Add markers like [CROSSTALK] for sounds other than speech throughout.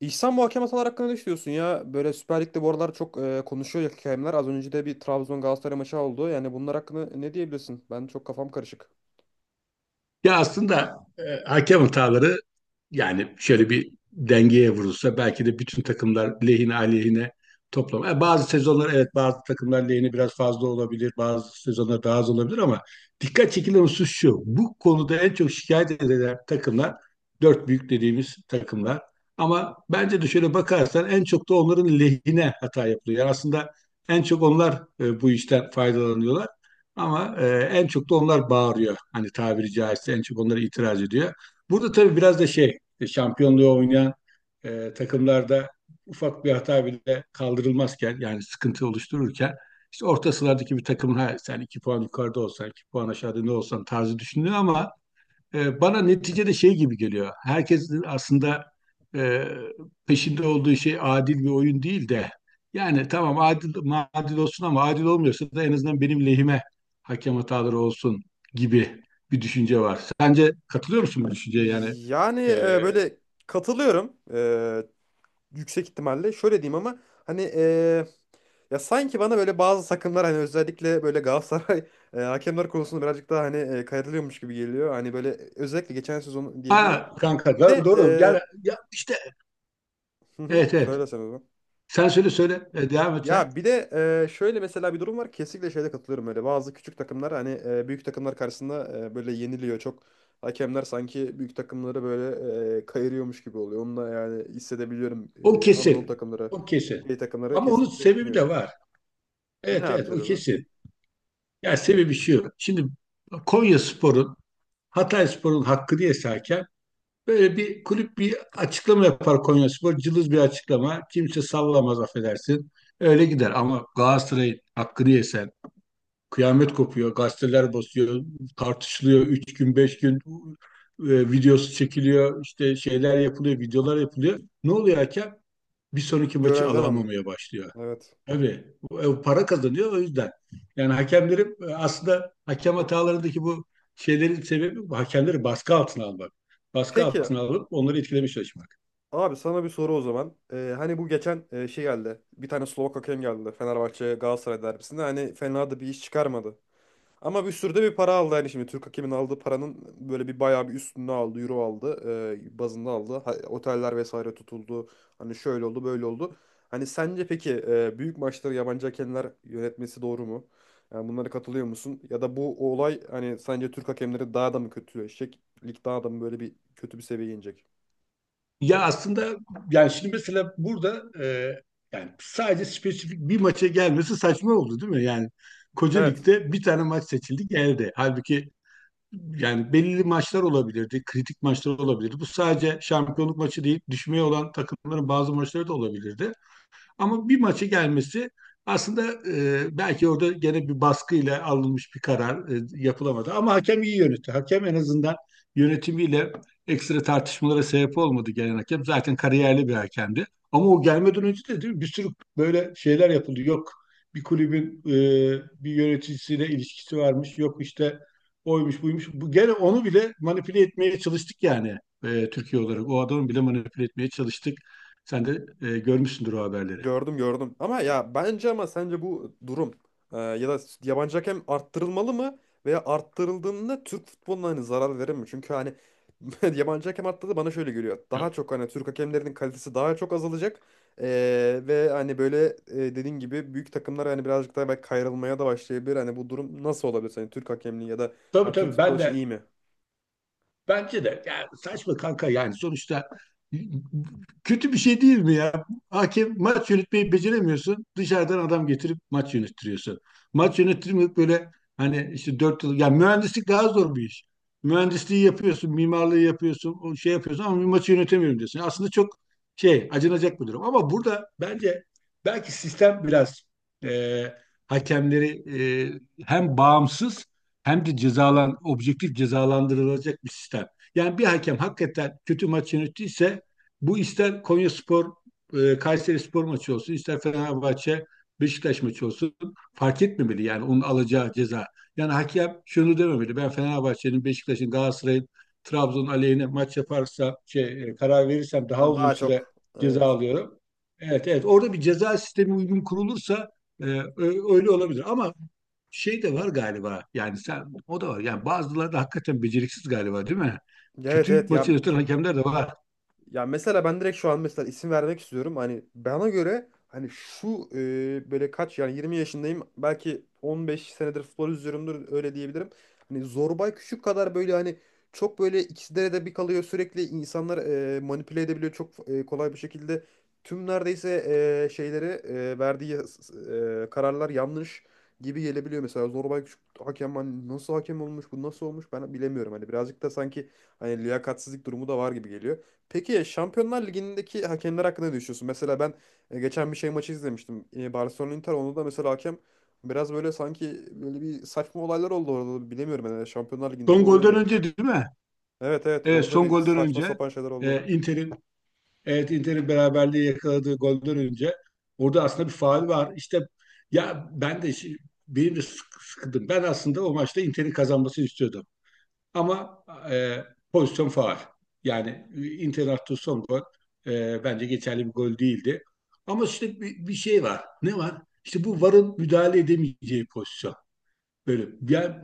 İhsan, muhakeme hatalar hakkında ne düşünüyorsun ya? Böyle Süper Lig'de bu aralar çok konuşuyor ya hakemler. Az önce de bir Trabzon Galatasaray maçı oldu. Yani bunlar hakkında ne diyebilirsin? Ben çok kafam karışık. Ya aslında hakem hataları, yani şöyle bir dengeye vurulsa belki de bütün takımlar lehine aleyhine toplam. Yani bazı sezonlar, evet, bazı takımlar lehine biraz fazla olabilir. Bazı sezonlar daha az olabilir, ama dikkat çekilen husus şu: bu konuda en çok şikayet edilen takımlar, dört büyük dediğimiz takımlar. Ama bence de şöyle bakarsan, en çok da onların lehine hata yapılıyor. Yani aslında en çok onlar bu işten faydalanıyorlar. Ama en çok da onlar bağırıyor. Hani tabiri caizse, en çok onlara itiraz ediyor. Burada tabii biraz da şey, işte şampiyonluğu oynayan takımlarda ufak bir hata bile kaldırılmazken, yani sıkıntı oluştururken, işte orta sıralardaki bir takımın, ha, sen 2 puan yukarıda olsan, 2 puan aşağıda ne olsan tarzı düşünülüyor, ama bana neticede şey gibi geliyor. Herkesin aslında e, peşinde olduğu şey adil bir oyun değil de, yani tamam adil olsun, ama adil olmuyorsa da en azından benim lehime hakem hataları olsun gibi bir düşünce var. Sence katılıyor musun bu düşünceye? Yani Yani e, böyle katılıyorum yüksek ihtimalle. Şöyle diyeyim ama hani, ya sanki bana böyle bazı takımlar hani özellikle böyle Galatasaray [LAUGHS] hakemler konusunda birazcık daha hani kayırılıyormuş gibi geliyor. Hani böyle özellikle geçen sezon diyebilirim. Ha, kanka, Bir doğru de doğru. Yani ya işte, hı hı, evet, evet. söyle sen o zaman. Sen söyle, söyle. Evet, devam et sen. Ya bir de şöyle mesela bir durum var. Kesinlikle şeyde katılıyorum öyle. Bazı küçük takımlar hani büyük takımlar karşısında böyle yeniliyor. Çok hakemler sanki büyük takımları böyle kayırıyormuş gibi oluyor. Onu da yani hissedebiliyorum. O E, Anadolu kesin. takımları, O kesin. şey takımları Ama onun kesinlikle sebebi yeniyor. de var. Ne Evet, abi evet, o sebebi? kesin. Yani sebebi şu. Şimdi Konya Spor'un, Hatay Spor'un hakkı diye hakem, böyle bir kulüp bir açıklama yapar Konya Spor. Cılız bir açıklama. Kimse sallamaz affedersin. Öyle gider, ama Galatasaray'ın hakkı diye kıyamet kopuyor, gazeteler basıyor, tartışılıyor. 3 gün, 5 gün videosu çekiliyor, işte şeyler yapılıyor, videolar yapılıyor. Ne oluyor hakem? Bir sonraki maçı Görevden anlıyor. alamamaya başlıyor. Evet. Tabii para kazanıyor o yüzden. Yani hakemlerin aslında hakem hatalarındaki bu şeylerin sebebi bu: hakemleri baskı altına almak. Baskı Peki altına alıp onları etkilemeye çalışmak. abi, sana bir soru o zaman. E, hani bu geçen şey geldi. Bir tane Slovak hakem geldi. Fenerbahçe Galatasaray derbisinde. Hani fena da bir iş çıkarmadı. Ama bir sürü de bir para aldı. Yani şimdi Türk hakemin aldığı paranın böyle bir bayağı bir üstünü aldı, euro aldı, bazında aldı. Ha- oteller vesaire tutuldu. Hani şöyle oldu, böyle oldu. Hani sence peki büyük maçları yabancı hakemler yönetmesi doğru mu? Yani bunlara katılıyor musun? Ya da bu olay, hani sence Türk hakemleri daha da mı kötüleşecek? Lig daha da mı böyle bir kötü bir seviyeye inecek? Ya aslında yani şimdi mesela burada yani sadece spesifik bir maça gelmesi saçma oldu, değil mi? Yani koca Evet. ligde bir tane maç seçildi geldi. Halbuki yani belirli maçlar olabilirdi, kritik maçlar olabilirdi. Bu sadece şampiyonluk maçı değil, düşmeye olan takımların bazı maçları da olabilirdi. Ama bir maçı gelmesi aslında belki orada gene bir baskıyla alınmış bir karar yapılamadı. Ama hakem iyi yönetti. Hakem en azından yönetimiyle ekstra tartışmalara sebep olmadı, gelen hakem. Zaten kariyerli bir hakemdi. Ama o gelmeden önce de, değil mi? Bir sürü böyle şeyler yapıldı. Yok, bir kulübün bir yöneticisiyle ilişkisi varmış. Yok işte, oymuş buymuş. Bu, gene onu bile manipüle etmeye çalıştık yani, Türkiye olarak. O adamı bile manipüle etmeye çalıştık. Sen de görmüşsündür o haberleri. Gördüm, gördüm. Ama ya bence, ama sence bu durum, ya da yabancı hakem arttırılmalı mı veya arttırıldığında Türk futboluna hani zarar verir mi? Çünkü hani [LAUGHS] yabancı hakem arttırdı, bana şöyle geliyor. Ya, Daha çok hani Türk hakemlerinin kalitesi daha çok azalacak. E, ve hani böyle, dediğin gibi büyük takımlar hani birazcık daha belki kayrılmaya da başlayabilir. Hani bu durum nasıl olabilir? Hani Türk hakemliği ya da, tabii ha, Türk tabii, futbolu ben için de iyi mi? bence de yani saçma kanka, yani sonuçta kötü bir şey değil mi ya? Hakem, maç yönetmeyi beceremiyorsun. Dışarıdan adam getirip maç yönettiriyorsun. Maç yönettirmek böyle, hani işte, 4 yıl, yani mühendislik daha zor bir iş. Mühendisliği yapıyorsun, mimarlığı yapıyorsun, o şey yapıyorsun, ama bir maçı yönetemiyorum diyorsun. Aslında çok şey, acınacak bir durum. Ama burada bence belki sistem biraz e, hakemleri hem bağımsız hem de objektif cezalandırılacak bir sistem. Yani bir hakem hakikaten kötü maç yönettiyse, bu ister Konyaspor Kayserispor maçı olsun, ister Fenerbahçe Beşiktaş maçı olsun, fark etmemeli, yani onun alacağı ceza. Yani hakem şunu dememeli: ben Fenerbahçe'nin, Beşiktaş'ın, Galatasaray'ın Trabzon aleyhine maç yaparsa karar verirsem Ha, daha uzun daha süre çok. ceza Evet. alıyorum. Evet, evet. Orada bir ceza sistemi uygun kurulursa öyle olabilir. Ama şey de var galiba. Yani sen, o da var. Yani bazıları da hakikaten beceriksiz galiba, değil mi? Evet, Kötü evet, maçı ya. yöneten hakemler de var. Ya mesela ben direkt şu an mesela isim vermek istiyorum. Hani bana göre hani şu böyle kaç, yani 20 yaşındayım. Belki 15 senedir futbol izliyorumdur, öyle diyebilirim. Hani Zorbay Küçük kadar böyle hani çok böyle ikizlere de bir kalıyor sürekli insanlar manipüle edebiliyor çok kolay bir şekilde. Tüm neredeyse şeyleri, verdiği kararlar yanlış gibi gelebiliyor. Mesela Zorbay Küçük hakem, hani nasıl hakem olmuş bu, nasıl olmuş ben bilemiyorum. Hani birazcık da sanki hani liyakatsizlik durumu da var gibi geliyor. Peki ya Şampiyonlar Ligi'ndeki hakemler hakkında ne düşünüyorsun? Mesela ben geçen bir şey maçı izlemiştim. E, Barcelona Inter, onda da mesela hakem biraz böyle, sanki böyle bir saçma olaylar oldu orada da. Bilemiyorum yani, Şampiyonlar Ligi'nde de Son oluyor golden demek. önce, değil mi? Evet, evet, Evet, orada son bir golden saçma önce sapan şeyler oldu. e, Inter'in evet Inter'in beraberliği yakaladığı golden önce orada aslında bir faul var. İşte ya, benim de sıkıldım. Ben aslında o maçta Inter'in kazanmasını istiyordum. Ama e, pozisyon faul. Yani Inter'in son gol, bence geçerli bir gol değildi. Ama işte bir şey var. Ne var? İşte bu VAR'ın müdahale edemeyeceği pozisyon. Böyle yani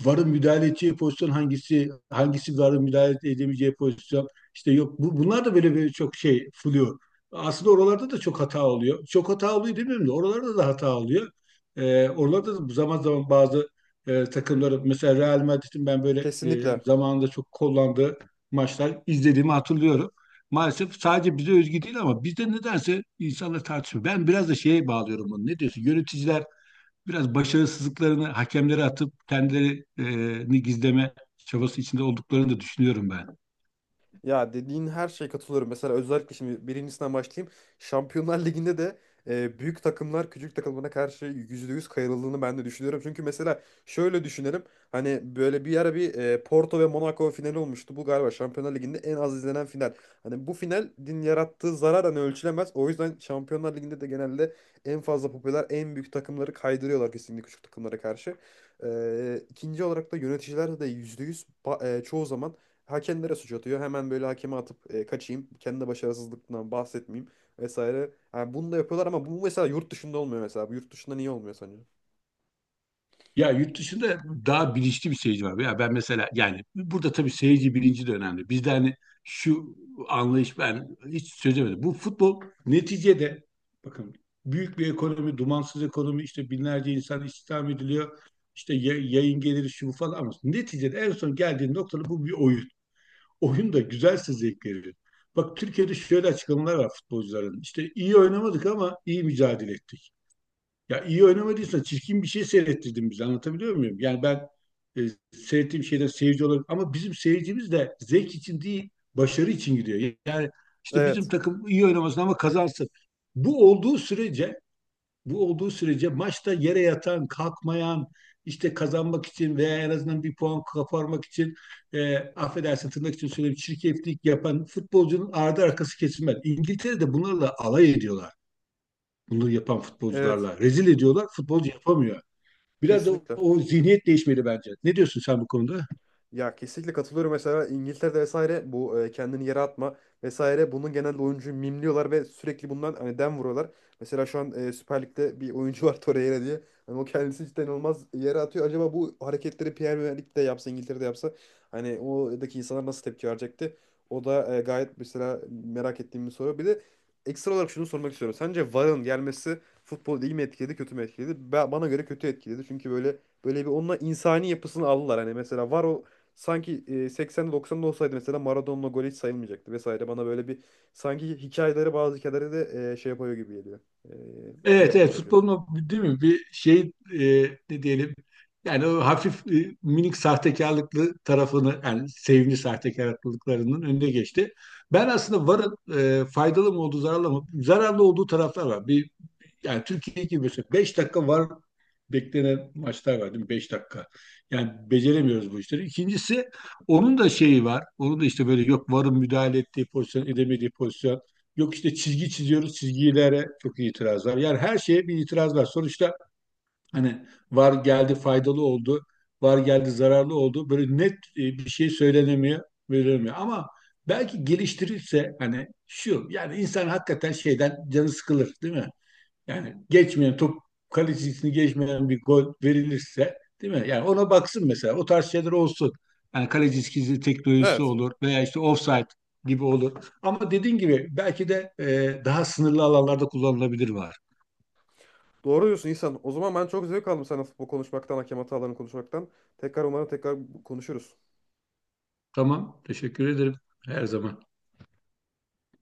varın müdahale edeceği pozisyon hangisi, hangisi varın müdahale edemeyeceği pozisyon. İşte yok bu, bunlar da böyle, böyle çok şey fuluyor. Aslında oralarda da çok hata oluyor. Çok hata oluyor demiyorum da, oralarda da hata oluyor. Oralarda da zaman zaman bazı takımları, mesela Real Madrid'in ben böyle Kesinlikle. zamanında çok kullandığı maçlar izlediğimi hatırlıyorum. Maalesef sadece bize özgü değil, ama bizde nedense insanlar tartışıyor. Ben biraz da şeye bağlıyorum bunu. Ne diyorsun? Yöneticiler biraz başarısızlıklarını hakemlere atıp kendilerini gizleme çabası içinde olduklarını da düşünüyorum ben. Ya dediğin her şeye katılıyorum. Mesela özellikle şimdi birincisinden başlayayım. Şampiyonlar Ligi'nde de büyük takımlar küçük takımlara karşı %100 kayırıldığını ben de düşünüyorum. Çünkü mesela şöyle düşünelim. Hani böyle bir ara bir Porto ve Monaco finali olmuştu. Bu galiba Şampiyonlar Ligi'nde en az izlenen final. Hani bu final din yarattığı zarar hani ölçülemez. O yüzden Şampiyonlar Ligi'nde de genelde en fazla popüler, en büyük takımları kaydırıyorlar kesinlikle küçük takımlara karşı. E, ikinci olarak da yöneticiler de %100 çoğu zaman hakemlere suç atıyor. Hemen böyle hakeme atıp kaçayım. Kendi başarısızlıktan bahsetmeyeyim vesaire. Yani bunu da yapıyorlar ama bu mesela yurt dışında olmuyor mesela. Bu yurt dışında niye olmuyor sence? Ya, yurt dışında daha bilinçli bir seyirci var. Ya ben mesela, yani burada tabii seyirci bilinci de önemli. Bizde hani şu anlayış, ben hiç çözemedim. Bu futbol neticede, bakın, büyük bir ekonomi, dumansız ekonomi, işte binlerce insan istihdam ediliyor. İşte yayın geliri şu bu falan, ama neticede en son geldiğin noktada bu bir oyun. Oyun da güzelse zevk verir. Bak, Türkiye'de şöyle açıklamalar var futbolcuların: İşte iyi oynamadık ama iyi mücadele ettik. Ya iyi oynamadıysa çirkin bir şey seyrettirdin bize, anlatabiliyor muyum? Yani ben e, seyrettiğim şeyden seyirci olarak, ama bizim seyircimiz de zevk için değil başarı için gidiyor. Yani işte, bizim Evet. takım iyi oynamasın ama kazansın. Bu olduğu sürece, bu olduğu sürece maçta yere yatan, kalkmayan, işte kazanmak için veya en azından bir puan koparmak için affedersin, tırnak için söyleyeyim, çirkeflik yapan futbolcunun ardı arkası kesilmez. İngiltere'de bunlarla alay ediyorlar, bunu yapan Evet. futbolcularla. Rezil ediyorlar, futbolcu yapamıyor. Biraz da Kesinlikle. o zihniyet değişmeli bence. Ne diyorsun sen bu konuda? Ya kesinlikle katılıyorum. Mesela İngiltere'de vesaire, bu kendini yere atma vesaire, bunun genelde oyuncuyu mimliyorlar ve sürekli bundan hani dem vuruyorlar. Mesela şu an Süper Lig'de bir oyuncu var [LAUGHS] Torreira diye. Hani o kendisi cidden olmaz yere atıyor. Acaba bu hareketleri Premier Lig'de yapsa, İngiltere'de yapsa, hani oradaki insanlar nasıl tepki verecekti? O da gayet mesela merak ettiğim bir soru. Bir de ekstra olarak şunu sormak istiyorum. Sence VAR'ın gelmesi futbolu iyi mi etkiledi, kötü mü etkiledi? Bana göre kötü etkiledi. Çünkü böyle, böyle bir, onunla insani yapısını aldılar. Hani mesela var o, sanki 80'de 90'da olsaydı mesela Maradona'la gol hiç sayılmayacaktı vesaire. Bana böyle bir, sanki hikayeleri, bazı hikayeleri de şey yapıyor gibi geliyor. E, Evet, yarıda evet, bırakıyor. futbolun o, değil mi, bir şey, e, ne diyelim, yani o hafif, minik sahtekarlıklı tarafını, yani sevimli sahtekarlıklarının önüne geçti. Ben aslında varın faydalı mı olduğu, zararlı mı olduğu taraflar var. Bir, yani Türkiye gibi mesela 5 dakika var beklenen maçlar var, değil mi? 5 dakika. Yani beceremiyoruz bu işleri. İkincisi, onun da şeyi var. Onun da işte böyle, yok varın müdahale ettiği pozisyon, edemediği pozisyon. Yok işte çizgi çiziyoruz, çizgilere çok itiraz var. Yani her şeye bir itiraz var. Sonuçta hani var geldi faydalı oldu, var geldi zararlı oldu. Böyle net bir şey söylenemiyor, verilmiyor. Ama belki geliştirirse, hani şu, yani insan hakikaten şeyden canı sıkılır, değil mi? Yani geçmeyen top, kalecisini geçmeyen bir gol verilirse, değil mi? Yani ona baksın mesela. O tarz şeyler olsun. Yani kalecisi gizli teknolojisi Evet. olur veya işte offside gibi olur. Ama dediğin gibi belki de daha sınırlı alanlarda kullanılabilir var. Doğru diyorsun İhsan. O zaman ben çok zevk aldım seninle futbol konuşmaktan, hakem hatalarını konuşmaktan. Tekrar umarım tekrar konuşuruz. Tamam. Teşekkür ederim. Her zaman.